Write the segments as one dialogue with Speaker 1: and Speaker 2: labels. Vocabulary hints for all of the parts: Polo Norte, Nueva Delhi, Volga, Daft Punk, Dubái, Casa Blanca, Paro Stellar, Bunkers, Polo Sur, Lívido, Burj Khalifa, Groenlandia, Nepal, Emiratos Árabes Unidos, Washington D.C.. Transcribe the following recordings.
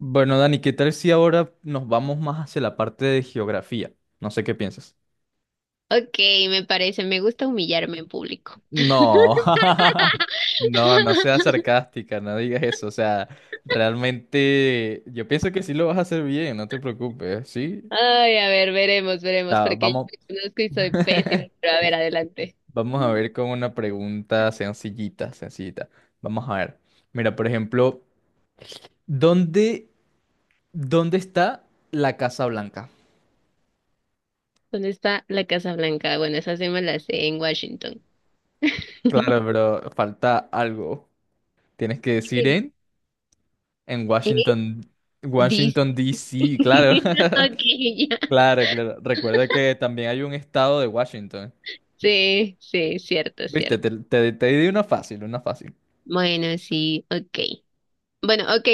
Speaker 1: Bueno, Dani, ¿qué tal si ahora nos vamos más hacia la parte de geografía? No sé qué piensas.
Speaker 2: Ok, me gusta humillarme en público.
Speaker 1: No, no, no seas sarcástica, no digas eso. O sea, realmente yo pienso que sí lo vas a hacer bien, no te preocupes, ¿sí?
Speaker 2: Ay, a ver, veremos, veremos, porque yo
Speaker 1: Vamos,
Speaker 2: me conozco y soy pésima, pero a ver, adelante.
Speaker 1: vamos a ver con una pregunta sencillita, sencillita. Vamos a ver. Mira, por ejemplo, ¿dónde, ¿dónde está la Casa Blanca?
Speaker 2: ¿Dónde está la Casa Blanca? Bueno, esa sí me la sé en Washington.
Speaker 1: Claro, pero falta algo. Tienes que decir en... En
Speaker 2: ¿Eh?
Speaker 1: Washington,
Speaker 2: Dis.
Speaker 1: Washington D.C. claro.
Speaker 2: Ok, ya.
Speaker 1: Claro, claro. Recuerda que también hay un estado de Washington.
Speaker 2: Sí, sí, cierto,
Speaker 1: Viste, te,
Speaker 2: cierto.
Speaker 1: te, te di una fácil, una fácil.
Speaker 2: Bueno, sí, ok. Bueno, ok.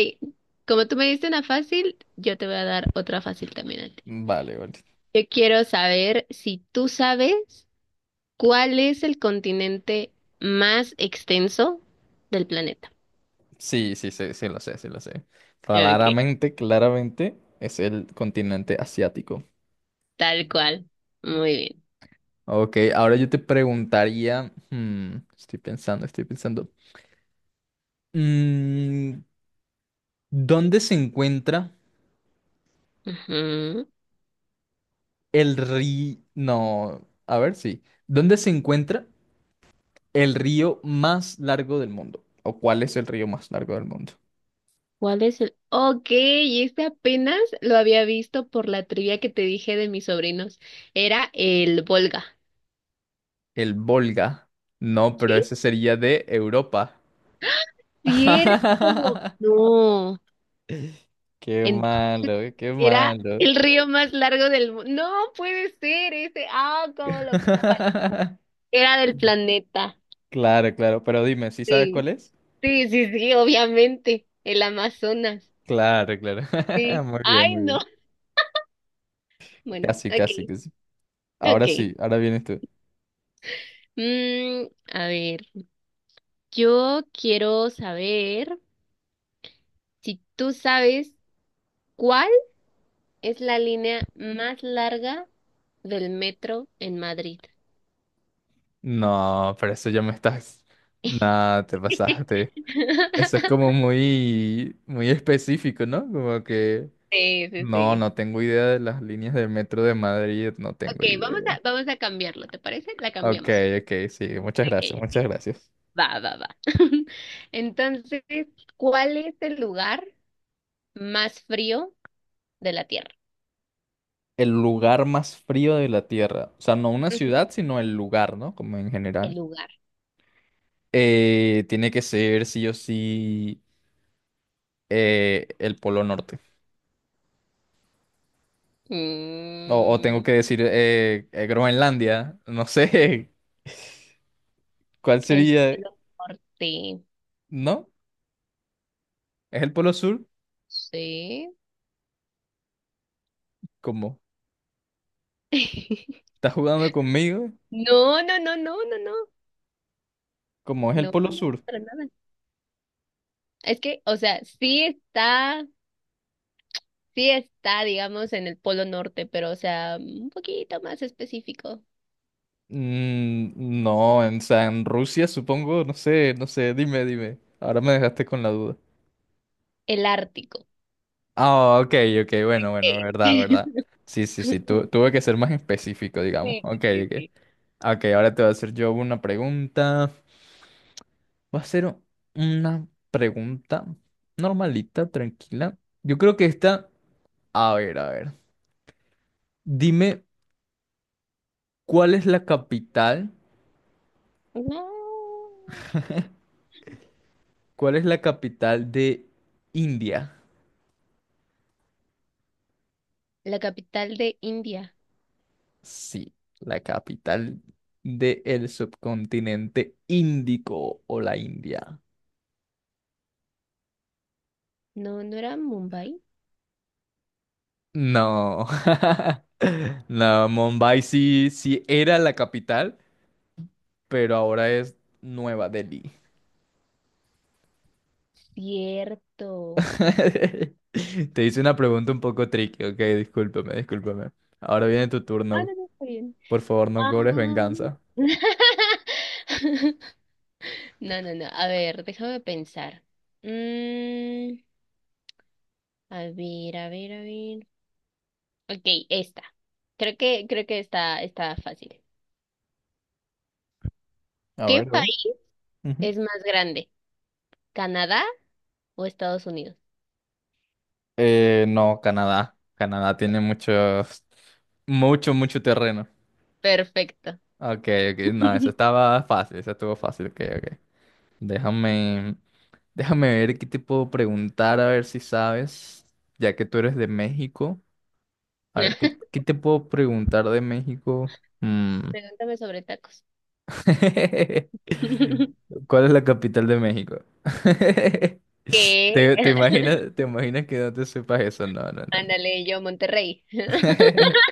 Speaker 2: Como tú me diste una fácil, yo te voy a dar otra fácil también a ti.
Speaker 1: Vale, vale.
Speaker 2: Yo quiero saber si tú sabes, ¿cuál es el continente más extenso del planeta?
Speaker 1: Sí, sí, sí, sí lo sé, sí lo sé.
Speaker 2: Ok,
Speaker 1: Claramente, claramente es el continente asiático.
Speaker 2: tal cual. Muy bien.
Speaker 1: Ok, ahora yo te preguntaría, estoy pensando, estoy pensando. Mm, ¿Dónde se encuentra
Speaker 2: Ujú.
Speaker 1: el río? No, a ver, sí. ¿Dónde se encuentra el río más largo del mundo? ¿O cuál es el río más largo del mundo?
Speaker 2: ¿Cuál es el...? Ok, y este apenas lo había visto por la trivia que te dije de mis sobrinos. Era el Volga.
Speaker 1: El Volga. No, pero
Speaker 2: ¿Sí?
Speaker 1: ese sería de Europa.
Speaker 2: Cierto. No.
Speaker 1: Qué
Speaker 2: Entonces
Speaker 1: malo, qué
Speaker 2: era
Speaker 1: malo.
Speaker 2: el río más largo del mundo. No puede ser ese. Ah, ¿cómo lo puedo fallar? Era del planeta.
Speaker 1: Claro, claro. Pero dime, ¿sí sabes
Speaker 2: Sí.
Speaker 1: cuál es?
Speaker 2: Sí, sí, sí, obviamente, el Amazonas,
Speaker 1: Claro, claro.
Speaker 2: sí.
Speaker 1: Muy bien,
Speaker 2: Ay,
Speaker 1: muy
Speaker 2: no.
Speaker 1: bien.
Speaker 2: Bueno,
Speaker 1: Casi,
Speaker 2: ok,
Speaker 1: casi, casi. Ahora
Speaker 2: ok.
Speaker 1: sí, ahora vienes tú.
Speaker 2: Mm, a ver, yo quiero saber si tú sabes cuál es la línea más larga del metro en Madrid.
Speaker 1: No, pero eso ya me estás... Nada, te pasaste. Eso es como muy, muy específico, ¿no? Como que...
Speaker 2: Sí, sí,
Speaker 1: No,
Speaker 2: sí.
Speaker 1: no tengo idea de las líneas del metro de Madrid, no tengo
Speaker 2: Ok,
Speaker 1: idea.
Speaker 2: vamos a cambiarlo, ¿te parece? La
Speaker 1: Ok,
Speaker 2: cambiamos.
Speaker 1: ok, sí, muchas
Speaker 2: Ok,
Speaker 1: gracias, muchas
Speaker 2: ok.
Speaker 1: gracias.
Speaker 2: Va, va, va. Entonces, ¿cuál es el lugar más frío de la Tierra?
Speaker 1: El lugar más frío de la Tierra, o sea, no una
Speaker 2: Ujú.
Speaker 1: ciudad, sino el lugar, ¿no? Como en
Speaker 2: El
Speaker 1: general.
Speaker 2: lugar.
Speaker 1: Tiene que ser sí o sí el Polo Norte. O tengo
Speaker 2: Mm,
Speaker 1: que decir Groenlandia, no sé,
Speaker 2: El
Speaker 1: ¿cuál sería?
Speaker 2: Polo Norte.
Speaker 1: ¿No? ¿Es el Polo Sur?
Speaker 2: Sí.
Speaker 1: ¿Cómo? ¿Estás jugando conmigo?
Speaker 2: No, no, no, no, no, no.
Speaker 1: ¿Cómo es el
Speaker 2: No,
Speaker 1: Polo
Speaker 2: no, no,
Speaker 1: Sur?
Speaker 2: para nada. Es que, o sea, sí está, digamos, en el Polo Norte, pero, o sea, un poquito más específico.
Speaker 1: Mm, no, o sea, en Rusia supongo, no sé, no sé, dime, dime. Ahora me dejaste con la duda.
Speaker 2: El Ártico.
Speaker 1: Ah, ok, ok, bueno, bueno,
Speaker 2: Ey.
Speaker 1: verdad, verdad. Sí, sí, sí, tuve que ser más específico, digamos.
Speaker 2: Sí, sí,
Speaker 1: Ok,
Speaker 2: sí,
Speaker 1: ok.
Speaker 2: sí.
Speaker 1: Ok, ahora te voy a hacer yo una pregunta. Va a ser una pregunta normalita, tranquila. Yo creo que esta... A ver, a ver. Dime, ¿cuál es la capital?
Speaker 2: No.
Speaker 1: ¿Cuál es la capital de India?
Speaker 2: La capital de India.
Speaker 1: Sí, la capital del subcontinente índico o la India.
Speaker 2: No, no era Mumbai.
Speaker 1: No, no, Mumbai sí, sí era la capital, pero ahora es Nueva Delhi.
Speaker 2: Cierto.
Speaker 1: Te hice una pregunta un poco tricky, ok, discúlpame, discúlpame. Ahora viene tu
Speaker 2: Ah,
Speaker 1: turno.
Speaker 2: no, no, está bien.
Speaker 1: Por favor, no
Speaker 2: Ah.
Speaker 1: cobres venganza.
Speaker 2: No, no, no. A ver, déjame pensar. Mm, a ver, a ver, a ver. Ok, esta. Creo que está fácil.
Speaker 1: A
Speaker 2: ¿Qué
Speaker 1: ver, a ver.
Speaker 2: país
Speaker 1: Ujú.
Speaker 2: es más grande? ¿Canadá o Estados Unidos?
Speaker 1: No, Canadá. Canadá tiene mucho, mucho, mucho terreno.
Speaker 2: Perfecto.
Speaker 1: Ok, ok, no, eso estaba fácil, eso estuvo fácil, ok, ok. Déjame, déjame ver qué te puedo preguntar, a ver si sabes, ya que tú eres de México. A ver, ¿qué te puedo preguntar de México? Mm.
Speaker 2: Pregúntame sobre tacos.
Speaker 1: ¿Cuál es la capital de México?
Speaker 2: ¿Qué?
Speaker 1: ¿Te imaginas, te imaginas que no te sepas eso? No, no, no,
Speaker 2: Ándale, yo Monterrey.
Speaker 1: no.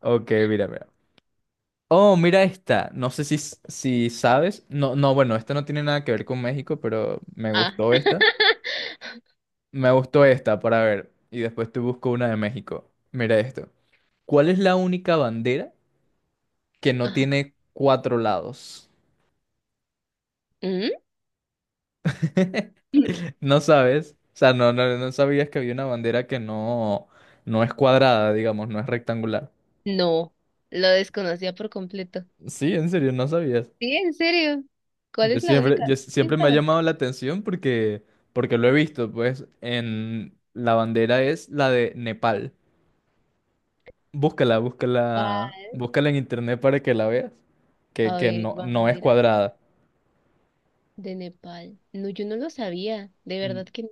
Speaker 1: Ok, mira, mira. Oh, mira esta. No sé si sabes. No, no, bueno, esta no tiene nada que ver con México, pero me
Speaker 2: Ah.
Speaker 1: gustó esta. Me gustó esta para ver. Y después te busco una de México. Mira esto. ¿Cuál es la única bandera que no
Speaker 2: Ajá.
Speaker 1: tiene cuatro lados?
Speaker 2: ¿Mm?
Speaker 1: No sabes. O sea, no sabías que había una bandera que no, no es cuadrada, digamos, no es rectangular.
Speaker 2: No, lo desconocía por completo.
Speaker 1: Sí, en serio, no sabías.
Speaker 2: Sí, en serio. ¿Cuál es la única?
Speaker 1: Yo
Speaker 2: ¿Cuál es
Speaker 1: siempre
Speaker 2: la
Speaker 1: me ha llamado
Speaker 2: bandera?
Speaker 1: la atención porque, porque lo he visto, pues, en la bandera es la de Nepal. Búscala, búscala, búscala en internet para que la veas,
Speaker 2: A
Speaker 1: que
Speaker 2: ver,
Speaker 1: no, no es
Speaker 2: bandera
Speaker 1: cuadrada.
Speaker 2: de Nepal. No, yo no lo sabía. De
Speaker 1: Mm,
Speaker 2: verdad que no.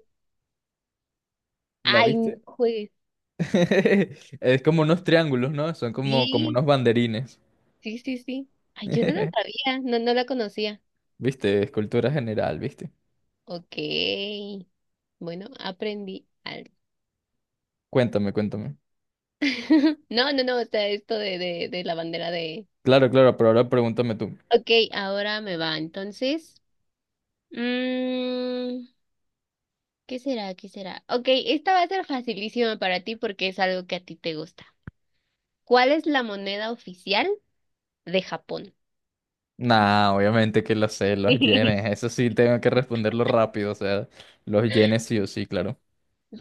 Speaker 1: ¿La
Speaker 2: Ay, no
Speaker 1: viste?
Speaker 2: juegues.
Speaker 1: Es como unos triángulos, ¿no? Son como, como
Speaker 2: Sí,
Speaker 1: unos banderines.
Speaker 2: sí, sí, sí. Ay, yo no lo sabía. No, no la conocía.
Speaker 1: ¿Viste? Escultura general, ¿viste?
Speaker 2: Ok. Bueno, aprendí algo.
Speaker 1: Cuéntame, cuéntame.
Speaker 2: No, no, no. O sea, esto de la bandera de.
Speaker 1: Claro, claro, pero ahora pregúntame tú.
Speaker 2: Ok, ahora me va. Entonces, mm, ¿qué será? ¿Qué será? Ok, esta va a ser facilísima para ti porque es algo que a ti te gusta. ¿Cuál es la moneda oficial de Japón?
Speaker 1: Nah, obviamente que lo sé, los yenes. Eso sí, tengo que responderlo rápido. O sea, los yenes sí o sí, claro.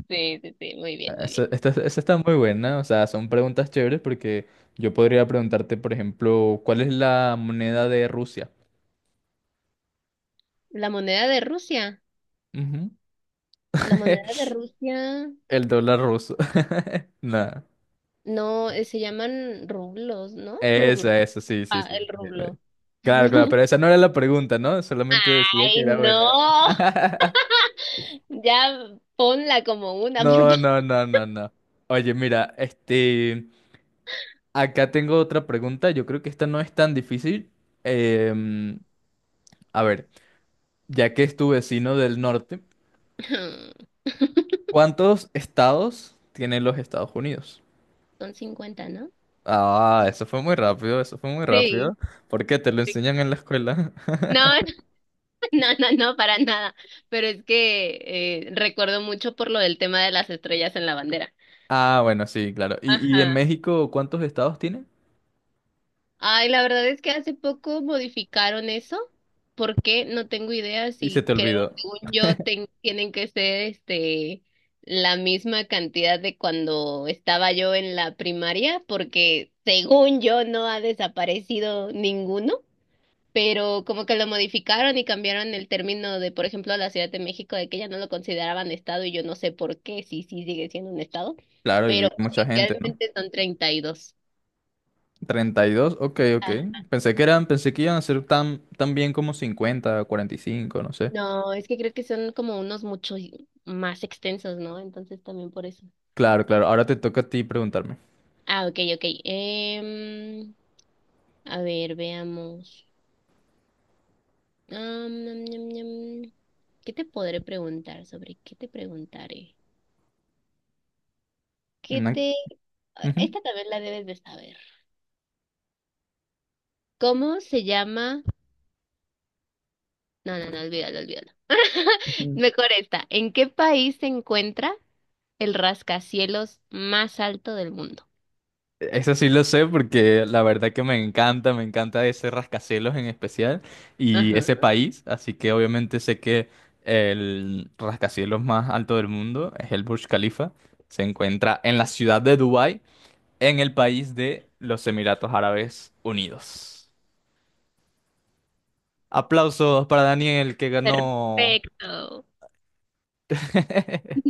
Speaker 2: Sí, sí, sí, muy bien, muy bien.
Speaker 1: Esa está muy buena. O sea, son preguntas chéveres porque yo podría preguntarte, por ejemplo, ¿cuál es la moneda de Rusia?
Speaker 2: La moneda de Rusia,
Speaker 1: Ujú.
Speaker 2: la moneda de Rusia,
Speaker 1: El dólar ruso. Nah.
Speaker 2: no, se llaman rublos, ¿no? Rublo.
Speaker 1: Esa, sí, sí,
Speaker 2: Ah,
Speaker 1: sí.
Speaker 2: el rublo.
Speaker 1: Claro, claro, pero esa no era la pregunta, ¿no? Solamente decía que
Speaker 2: Ay,
Speaker 1: era buena.
Speaker 2: no, ya ponla como una, por
Speaker 1: No,
Speaker 2: favor.
Speaker 1: no, no, no, no. Oye, mira, este... Acá tengo otra pregunta, yo creo que esta no es tan difícil. Em, a ver, ya que es tu vecino del norte, ¿cuántos estados tienen los Estados Unidos?
Speaker 2: Son 50, ¿no?
Speaker 1: Ah, eso fue muy rápido, eso fue muy
Speaker 2: Sí,
Speaker 1: rápido. ¿Por qué te lo
Speaker 2: sí.
Speaker 1: enseñan en la escuela?
Speaker 2: No, no, no, no, para nada. Pero es que recuerdo mucho por lo del tema de las estrellas en la bandera.
Speaker 1: Ah, bueno, sí, claro. ¿Y en
Speaker 2: Ajá.
Speaker 1: México cuántos estados tiene?
Speaker 2: Ay, la verdad es que hace poco modificaron eso. ¿Por qué? No tengo idea
Speaker 1: Y se
Speaker 2: si
Speaker 1: te
Speaker 2: creo,
Speaker 1: olvidó.
Speaker 2: según yo, tienen que ser este la misma cantidad de cuando estaba yo en la primaria, porque según yo no ha desaparecido ninguno, pero como que lo modificaron y cambiaron el término de, por ejemplo, la Ciudad de México, de que ya no lo consideraban estado y yo no sé por qué, sí, sí sigue siendo un estado,
Speaker 1: Claro, y
Speaker 2: pero
Speaker 1: vive mucha gente, ¿no?
Speaker 2: oficialmente son 32.
Speaker 1: 32, ok, ok. Pensé que eran, pensé que iban a ser tan, tan bien como 50, 45, no sé.
Speaker 2: No, es que creo que son como unos mucho más extensos, ¿no? Entonces también por eso.
Speaker 1: Claro, claro. Ahora te toca a ti preguntarme.
Speaker 2: Ah, ok, ok. A ver, veamos. Am, nam, ñam, ñam. ¿Qué te podré preguntar? ¿Sobre qué te preguntaré? ¿Qué
Speaker 1: No...
Speaker 2: te...
Speaker 1: ujú,
Speaker 2: Esta también la debes de saber. ¿Cómo se llama? No, no, no, olvídalo, olvídalo.
Speaker 1: ujú.
Speaker 2: Mejor esta. ¿En qué país se encuentra el rascacielos más alto del mundo?
Speaker 1: Eso sí lo sé porque la verdad que me encanta ese rascacielos en especial y ese
Speaker 2: Ajá.
Speaker 1: país, así que obviamente sé que el rascacielos más alto del mundo es el Burj Khalifa, se encuentra en la ciudad de Dubái, en el país de los Emiratos Árabes Unidos. Aplausos para Daniel que ganó.
Speaker 2: Perfecto.